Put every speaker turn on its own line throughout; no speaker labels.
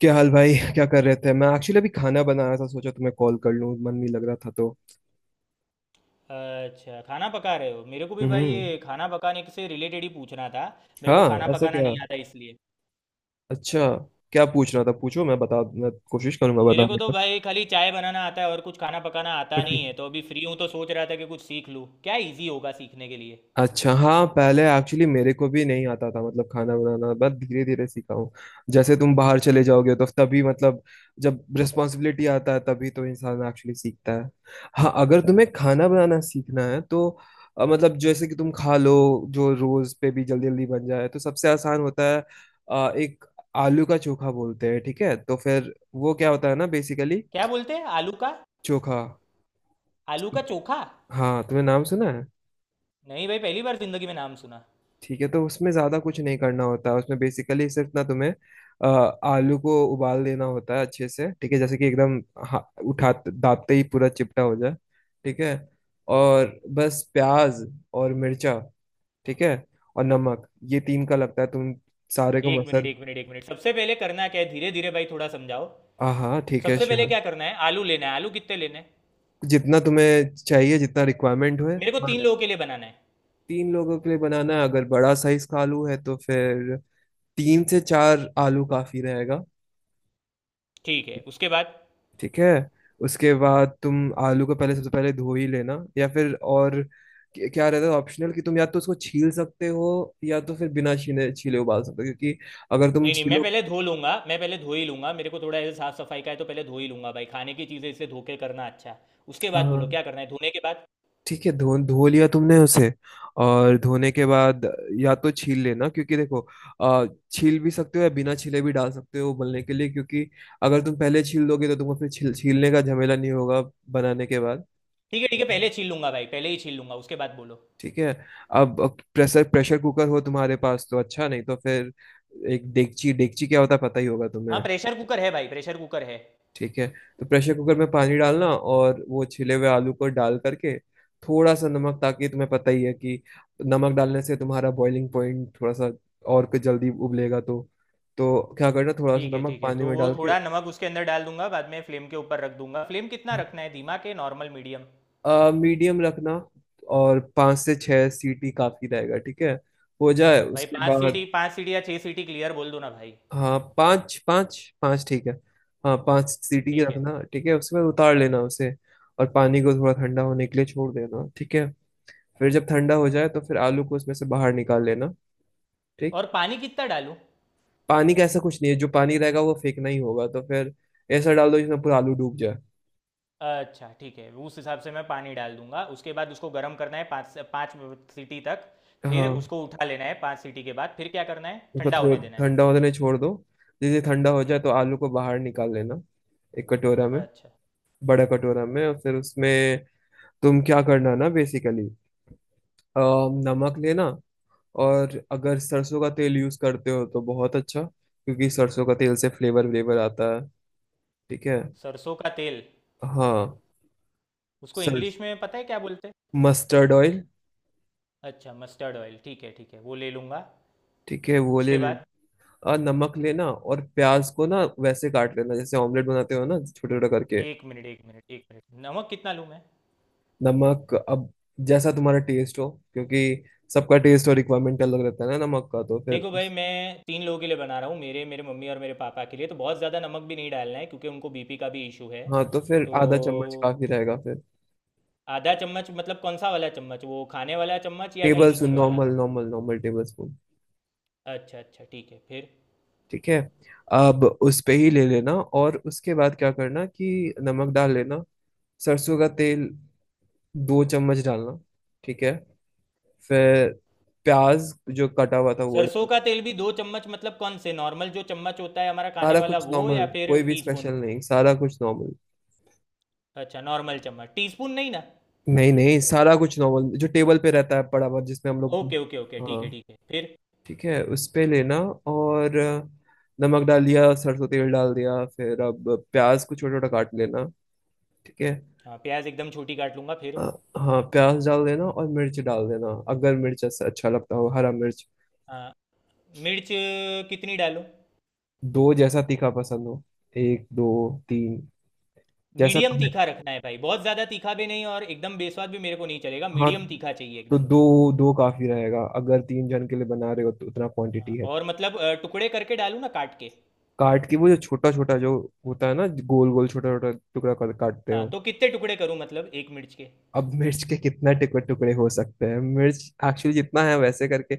क्या हाल भाई? क्या कर रहे थे? मैं एक्चुअली अभी खाना बना रहा था, सोचा तुम्हें कॉल कर लूं, मन नहीं लग रहा था तो।
अच्छा, खाना पका रहे हो। मेरे को भी भाई
हम्म।
ये खाना पकाने से रिलेटेड ही पूछना था। मेरे को
हाँ,
खाना
ऐसा
पकाना
क्या।
नहीं आता इसलिए।
अच्छा, क्या पूछ रहा था? पूछो, मैं बता, मैं कोशिश करूंगा
मेरे को तो
बताने
भाई खाली चाय बनाना आता है और कुछ खाना पकाना आता
का।
नहीं है, तो अभी फ्री हूँ तो सोच रहा था कि कुछ सीख लूँ, क्या इजी होगा सीखने के लिए।
अच्छा हाँ, पहले एक्चुअली मेरे को भी नहीं आता था, मतलब खाना बनाना, बस धीरे धीरे सीखा हूँ। जैसे तुम बाहर चले जाओगे तो तभी, मतलब जब रिस्पॉन्सिबिलिटी आता है तभी तो इंसान एक्चुअली सीखता है। हाँ, अगर तुम्हें खाना बनाना सीखना है तो मतलब जैसे कि तुम खा लो, जो रोज पे भी जल्दी जल्दी बन जाए तो सबसे आसान होता है। एक आलू का चोखा बोलते हैं। ठीक है, तो फिर वो क्या होता है ना बेसिकली।
क्या बोलते हैं, आलू का?
चोखा।
आलू का चोखा?
हाँ, तुमने नाम सुना है?
नहीं भाई, पहली बार जिंदगी में नाम सुना।
ठीक है, तो उसमें ज्यादा कुछ नहीं करना होता है। उसमें बेसिकली सिर्फ ना तुम्हें अ, आलू को उबाल देना होता है अच्छे से। ठीक है, जैसे कि एकदम हा- उठा दाबते ही पूरा चिपटा हो जाए। ठीक है। और बस प्याज और मिर्चा, ठीक है, और नमक। ये तीन का लगता है। तुम सारे को
एक मिनट
मसल।
एक मिनट एक मिनट, सबसे पहले करना क्या है, धीरे धीरे भाई थोड़ा समझाओ।
हाँ हाँ ठीक है,
सबसे पहले
श्योर।
क्या करना है? आलू लेना है। आलू कितने लेने हैं?
जितना तुम्हें चाहिए, जितना रिक्वायरमेंट हो।
मेरे को
हाँ,
3 लोगों के लिए बनाना है।
तीन लोगों के लिए बनाना है। अगर बड़ा साइज का आलू है तो फिर तीन से चार आलू काफी रहेगा।
ठीक है, उसके बाद?
ठीक है, उसके बाद तुम आलू को पहले, सबसे पहले धो ही लेना, या फिर और क्या रहता है ऑप्शनल कि तुम या तो उसको छील सकते हो, या तो फिर बिना छीने छीले उबाल सकते हो, क्योंकि अगर तुम
नहीं, नहीं, मैं
छीलो।
पहले धो लूँगा, मैं पहले धो ही लूँगा, मेरे को थोड़ा ऐसे साफ़-सफ़ाई का है तो पहले धो ही लूँगा भाई, खाने की चीज़ें इसलिए धो के करना अच्छा। उसके बाद बोलो
हाँ
क्या करना है? धोने के बाद?
ठीक है, धो धो लिया तुमने उसे। और धोने के बाद या तो छील लेना, क्योंकि देखो, अ, छील भी सकते हो या बिना छीले भी डाल सकते हो उबलने के लिए, क्योंकि अगर तुम पहले छील दोगे तो तुमको फिर छील छीलने का झमेला नहीं होगा बनाने के बाद।
ठीक है, पहले छील लूँगा भाई, पहले ही छील लूँगा, उसके बाद बोलो।
ठीक है। अब प्रेशर प्रेशर कुकर हो तुम्हारे पास तो अच्छा, नहीं तो फिर एक डेगची। डेगची क्या होता है पता ही होगा
हाँ,
तुम्हें।
प्रेशर कुकर है भाई, प्रेशर कुकर है।
ठीक है, तो प्रेशर कुकर में पानी डालना और वो छिले हुए आलू को डाल करके थोड़ा सा नमक, ताकि तुम्हें पता ही है कि नमक डालने से तुम्हारा बॉइलिंग पॉइंट थोड़ा सा, और कुछ जल्दी उबलेगा तो क्या करना थोड़ा सा
ठीक है,
नमक
ठीक है,
पानी
तो
में
वो
डाल के।
थोड़ा नमक उसके अंदर डाल दूँगा, बाद में फ्लेम के ऊपर रख दूँगा। फ्लेम कितना रखना है, धीमा के नॉर्मल, मीडियम?
मीडियम रखना, और पाँच से छह सीटी काफी रहेगा। ठीक है, हो जाए
भाई
उसके
5
बाद।
सीटी 5 सीटी या 6 सीटी, क्लियर बोल दो ना भाई।
हाँ पाँच पाँच पाँच ठीक है। हाँ पाँच सीटी की
ठीक है,
रखना। ठीक है, उसके बाद उतार लेना उसे और पानी को थोड़ा ठंडा होने के लिए छोड़ देना। ठीक है, फिर जब ठंडा हो जाए तो फिर आलू को उसमें से बाहर निकाल लेना। ठीक।
और पानी कितना डालूँ?
पानी का ऐसा कुछ नहीं है, जो पानी रहेगा वो फेंकना ही होगा, तो फिर ऐसा डाल दो जिसमें पूरा आलू डूब जाए।
अच्छा ठीक है, उस हिसाब से मैं पानी डाल दूंगा। उसके बाद उसको गर्म करना है पाँच से पाँच सीटी तक, फिर
हाँ,
उसको उठा लेना है पाँच सीटी के बाद। फिर क्या करना है,
उसको
ठंडा होने
थोड़ा
देना है?
ठंडा होने छोड़ दो। जैसे ठंडा हो जाए
हम्म।
तो आलू को बाहर निकाल लेना, एक कटोरा में,
अच्छा।
बड़ा कटोरा में। और फिर उसमें तुम क्या करना ना बेसिकली, नमक लेना। और अगर सरसों का तेल यूज करते हो तो बहुत अच्छा, क्योंकि सरसों का तेल से फ्लेवर व्लेवर आता है। ठीक है।
सरसों का तेल,
हाँ।
उसको
सर।
इंग्लिश में पता है क्या बोलते हैं?
Mustard oil.
अच्छा, मस्टर्ड ऑयल, ठीक है वो ले लूँगा।
ठीक है, वो ले
उसके बाद?
लेना। और नमक लेना, और प्याज को ना वैसे काट लेना जैसे ऑमलेट बनाते हो ना, छोटे छोटे करके।
एक मिनट एक मिनट एक मिनट, नमक कितना लूँ मैं?
नमक अब जैसा तुम्हारा टेस्ट हो, क्योंकि सबका टेस्ट और रिक्वायरमेंट अलग रहता है ना नमक का, तो फिर।
देखो भाई मैं 3 लोगों के लिए बना रहा हूँ, मेरे मेरे मम्मी और मेरे पापा के लिए, तो बहुत ज़्यादा नमक भी नहीं डालना है क्योंकि उनको बीपी का भी इशू है।
हाँ तो फिर
तो
आधा चम्मच काफी रहेगा फिर।
आधा चम्मच मतलब कौन सा वाला चम्मच, वो खाने वाला चम्मच या
टेबल स्पून,
टीस्पून वाला?
Normal normal normal table spoon.
अच्छा अच्छा ठीक है फिर।
ठीक है, अब उस पे ही ले लेना। और उसके बाद क्या करना कि नमक डाल लेना, सरसों का तेल 2 चम्मच डालना। ठीक है, फिर प्याज जो कटा हुआ था वो
सरसों
डालना।
का तेल भी 2 चम्मच मतलब कौन से, नॉर्मल जो चम्मच होता है हमारा खाने
सारा
वाला
कुछ
वो
नॉर्मल,
या फिर
कोई भी
टीस्पून?
स्पेशल नहीं, सारा कुछ नॉर्मल।
अच्छा, नॉर्मल चम्मच, टीस्पून नहीं ना?
नहीं नहीं, सारा कुछ नॉर्मल, जो टेबल पे रहता है पड़ा हुआ, जिसमें हम लोग।
ओके ओके ओके
हाँ।
ठीक है फिर।
ठीक है, उस पे लेना। और नमक डाल दिया, सरसों तेल डाल दिया, फिर अब प्याज को छोटा छोटा काट लेना। ठीक है।
हाँ, प्याज एकदम छोटी काट लूँगा फिर।
अ, हाँ, प्याज डाल देना और मिर्च डाल देना, अगर मिर्च ऐसा अच्छा लगता हो, हरा मिर्च।
हाँ। मिर्च कितनी डालूँ?
दो, जैसा तीखा पसंद हो, एक दो तीन, जैसा
मीडियम
तुम्हें।
तीखा रखना है भाई, बहुत ज़्यादा तीखा भी नहीं और एकदम बेस्वाद भी मेरे को नहीं चलेगा,
हाँ
मीडियम तीखा चाहिए
तो
एकदम।
दो, दो काफी रहेगा अगर तीन जन के लिए बना रहे हो, तो उतना
हाँ,
क्वांटिटी है।
और मतलब टुकड़े करके डालूँ ना, काट के?
काट के, वो जो छोटा छोटा जो होता है ना, गोल गोल, छोटा छोटा टुकड़ा कर काटते
हाँ,
हो।
तो कितने टुकड़े करूँ मतलब एक मिर्च के?
अब मिर्च के कितना टुकड़े टुकड़े हो सकते हैं, मिर्च एक्चुअली जितना है वैसे करके,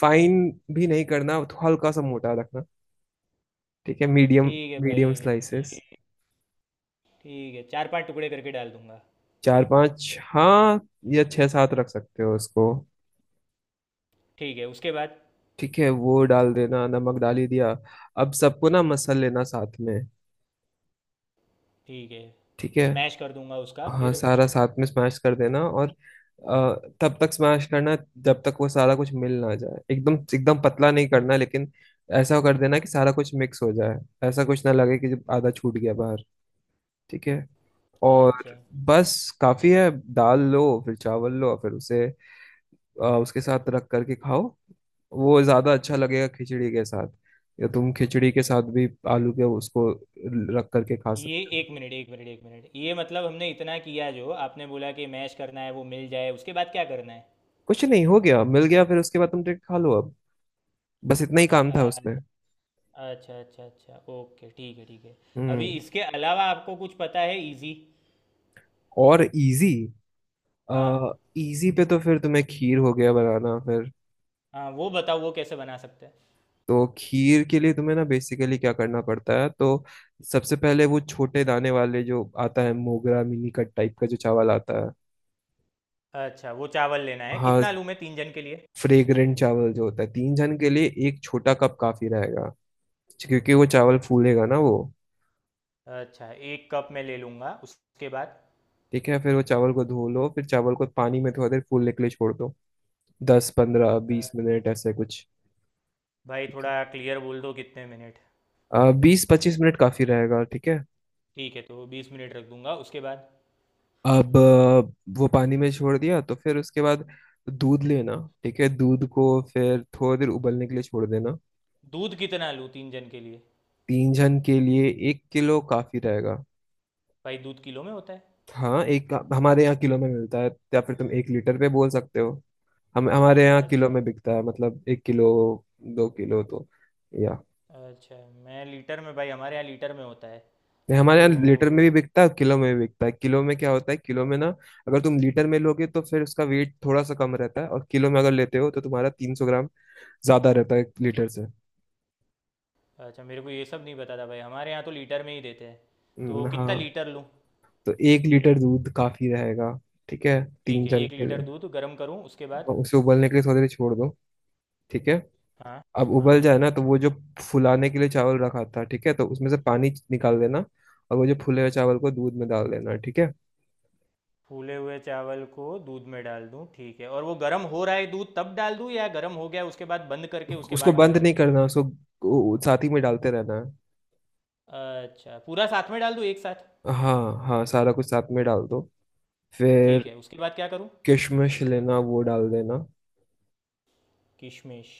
फाइन भी नहीं करना, तो हल्का सा मोटा रखना। ठीक है, मीडियम,
ठीक है भाई।
Medium slices.
ये ठीक है, चार पांच टुकड़े करके डाल दूंगा।
चार पांच हाँ, या छह सात रख सकते हो उसको।
ठीक है उसके बाद?
ठीक है, वो डाल देना, नमक डाल ही दिया, अब सबको ना मसल लेना साथ में।
ठीक है,
ठीक है।
स्मैश कर दूंगा उसका
हाँ,
फिर।
सारा साथ में स्मैश कर देना। और तब तक स्मैश करना जब तक वो सारा कुछ मिल ना जाए, एकदम एकदम पतला नहीं करना लेकिन, ऐसा कर देना कि सारा कुछ मिक्स हो जाए, ऐसा कुछ ना लगे कि जब आधा छूट गया बाहर। ठीक है। और
अच्छा।
बस, काफी है। दाल लो फिर, चावल लो फिर, उसे उसके साथ रख करके खाओ, वो ज्यादा अच्छा लगेगा खिचड़ी के साथ, या तुम खिचड़ी के साथ भी आलू के उसको रख करके खा
ये
सकते हो।
एक मिनट एक मिनट एक मिनट, ये मतलब हमने इतना किया जो आपने बोला कि मैश करना है, वो मिल जाए, उसके बाद क्या करना है?
कुछ नहीं, हो गया, मिल गया फिर उसके बाद तुम डायरेक्ट खा लो अब, बस इतना ही काम था उसमें।
अच्छा। अच्छा अच्छा अच्छा, ओके ठीक है ठीक है। अभी
हम्म।
इसके अलावा आपको कुछ पता है इजी?
और इजी।
हाँ।
इजी पे तो फिर तुम्हें खीर हो गया बनाना फिर।
हाँ वो बताओ, वो कैसे बना सकते हैं?
तो खीर के लिए तुम्हें ना बेसिकली क्या करना पड़ता है तो, सबसे पहले वो छोटे दाने वाले जो आता है, मोगरा मिनीकट टाइप का जो चावल आता है।
अच्छा, वो चावल लेना है,
हाँ,
कितना लूँ मैं 3 जन के लिए?
फ्रेग्रेंट चावल जो होता है, 3 जन के लिए एक छोटा कप काफी रहेगा, क्योंकि वो चावल
ठीक है।
फूलेगा ना वो।
अच्छा, एक कप मैं ले लूँगा। उसके बाद?
ठीक है, फिर वो चावल को धो लो, फिर चावल को पानी में थोड़ा देर फूलने के लिए छोड़ दो, दस पंद्रह
अ,
बीस मिनट ऐसे कुछ।
भाई थोड़ा क्लियर बोल दो कितने मिनट?
20 25 मिनट काफी रहेगा। ठीक है।
ठीक है, तो 20 मिनट रख दूंगा। उसके बाद?
अब, वो पानी में छोड़ दिया तो फिर उसके बाद दूध लेना। ठीक है, दूध को फिर थोड़ी देर उबलने के लिए छोड़ देना।
दूध कितना लूँ 3 जन के लिए?
तीन जन के लिए 1 किलो काफी रहेगा।
भाई दूध किलो में होता है?
हाँ, एक हमारे यहाँ किलो में मिलता है, या फिर तुम 1 लीटर पे बोल सकते हो। हम, हमारे यहाँ किलो
अच्छा।
में बिकता है, मतलब 1 किलो, 2 किलो, तो, या।
अच्छा, मैं लीटर में, भाई हमारे यहाँ लीटर में होता है
नहीं,
तो।
हमारे यहाँ लीटर में भी बिकता है, किलो में भी बिकता है। किलो में क्या होता है, किलो में ना, अगर तुम लीटर में लोगे तो फिर उसका वेट थोड़ा सा कम रहता है, और किलो में अगर लेते हो तो तुम्हारा 300 ग्राम ज्यादा रहता है लीटर से।
अच्छा, मेरे को ये सब नहीं पता था भाई, हमारे यहाँ तो लीटर में ही देते हैं। तो कितना
हाँ।
लीटर लूँ?
तो 1 लीटर दूध काफी रहेगा, ठीक है, तीन
ठीक है,
जन
एक
के
लीटर
लिए।
दूध गर्म करूँ, उसके
और
बाद?
उसे उबलने के लिए थोड़ी देर छोड़ दो। ठीक है।
हाँ।
अब
हाँ,
उबल जाए ना, तो वो जो फुलाने के लिए चावल रखा था, ठीक है, तो उसमें से पानी निकाल देना, और वो जो फूले हुए चावल को दूध में डाल देना। ठीक है,
फूले हुए चावल को दूध में डाल दूँ ठीक है, और वो गर्म हो रहा है दूध तब डाल दूँ या गर्म हो गया उसके बाद बंद करके उसके
उसको
बाद
बंद
डालूँ?
नहीं करना, उसको वो साथ ही में डालते रहना है।
अच्छा, पूरा साथ में डाल दूँ एक साथ?
हाँ हाँ, सारा कुछ साथ में डाल दो
ठीक
फिर।
है उसके बाद क्या करूँ?
किशमिश लेना, वो डाल देना।
किशमिश?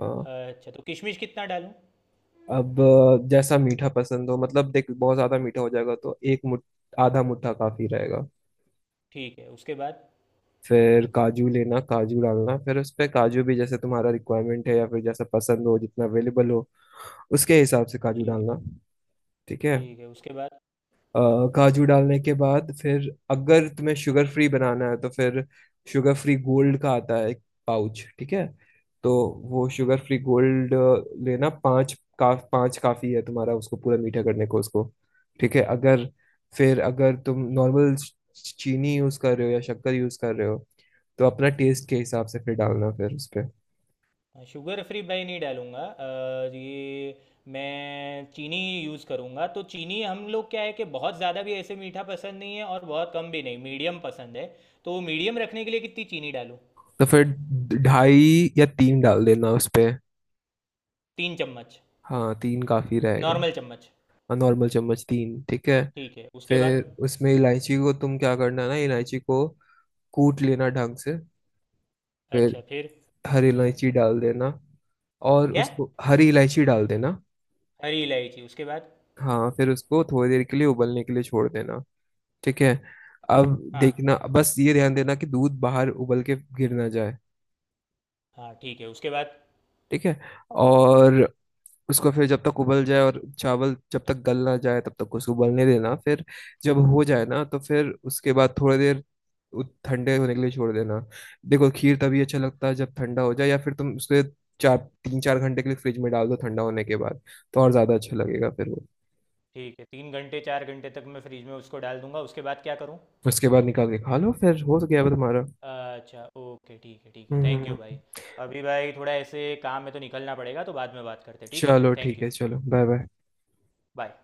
हाँ।
अच्छा तो किशमिश कितना डालूं?
अब जैसा मीठा पसंद हो, मतलब देख बहुत ज्यादा मीठा हो जाएगा तो एक मुठ, आधा मुट्ठा काफी रहेगा।
ठीक है उसके बाद?
फिर काजू लेना, काजू डालना, फिर उस पे काजू भी जैसे तुम्हारा रिक्वायरमेंट है, या फिर जैसा पसंद हो जितना अवेलेबल हो, उसके हिसाब से काजू
ठीक
डालना।
है
ठीक है।
ठीक है उसके बाद?
अ, काजू डालने के बाद फिर अगर तुम्हें शुगर फ्री बनाना है तो फिर, शुगर फ्री गोल्ड का आता है एक पाउच, ठीक है, तो वो शुगर फ्री गोल्ड लेना। पाँच का पाँच काफ़ी है तुम्हारा उसको पूरा मीठा करने को उसको। ठीक है। अगर, फिर अगर तुम नॉर्मल चीनी यूज़ कर रहे हो या शक्कर यूज़ कर रहे हो, तो अपना टेस्ट के हिसाब से फिर डालना फिर उस पे।
हाँ, शुगर फ्री भाई नहीं डालूंगा। ये, मैं चीनी यूज़ करूंगा, तो चीनी, हम लोग क्या है कि बहुत ज़्यादा भी ऐसे मीठा पसंद नहीं है और बहुत कम भी नहीं, मीडियम पसंद है। तो मीडियम रखने के लिए कितनी चीनी डालूं?
तो फिर ढाई या तीन डाल देना उस पे।
3 चम्मच?
हाँ तीन काफ़ी रहेगा।
नॉर्मल चम्मच?
नॉर्मल चम्मच तीन, ठीक है।
ठीक है उसके बाद?
फिर उसमें इलायची को तुम क्या करना ना, इलायची को कूट लेना ढंग से, फिर
अच्छा फिर।
हरी इलायची डाल देना, और
क्या?
उसको हरी इलायची डाल देना।
हरी इलायची, उसके बाद?
हाँ, फिर उसको थोड़ी देर के लिए उबलने के लिए छोड़ देना। ठीक है। अब
हाँ
देखना, बस ये ध्यान देना कि दूध बाहर उबल के गिर ना जाए।
हाँ ठीक है उसके बाद?
ठीक है। और उसको फिर जब तक उबल जाए और चावल जब तक गल ना जाए तब तक उसको उबलने देना। फिर जब हो जाए ना तो फिर उसके बाद थोड़ी देर ठंडे होने के लिए छोड़ देना। देखो, खीर तभी अच्छा लगता है जब ठंडा हो जाए, या फिर तुम उसके चार, 3 4 घंटे के लिए फ्रिज में डाल दो ठंडा होने के बाद, तो और ज्यादा अच्छा लगेगा फिर वो।
ठीक है, 3 घंटे 4 घंटे तक मैं फ्रिज में उसको डाल दूंगा। उसके बाद क्या करूँ?
उसके बाद निकाल के खा लो, फिर हो गया वो तुम्हारा।
अच्छा, ओके ठीक है ठीक है, थैंक यू भाई।
हम्म।
अभी भाई थोड़ा ऐसे काम में तो निकलना पड़ेगा तो बाद में बात करते हैं, ठीक है
चलो
थैंक
ठीक
यू।
है, चलो बाय बाय।
बाय।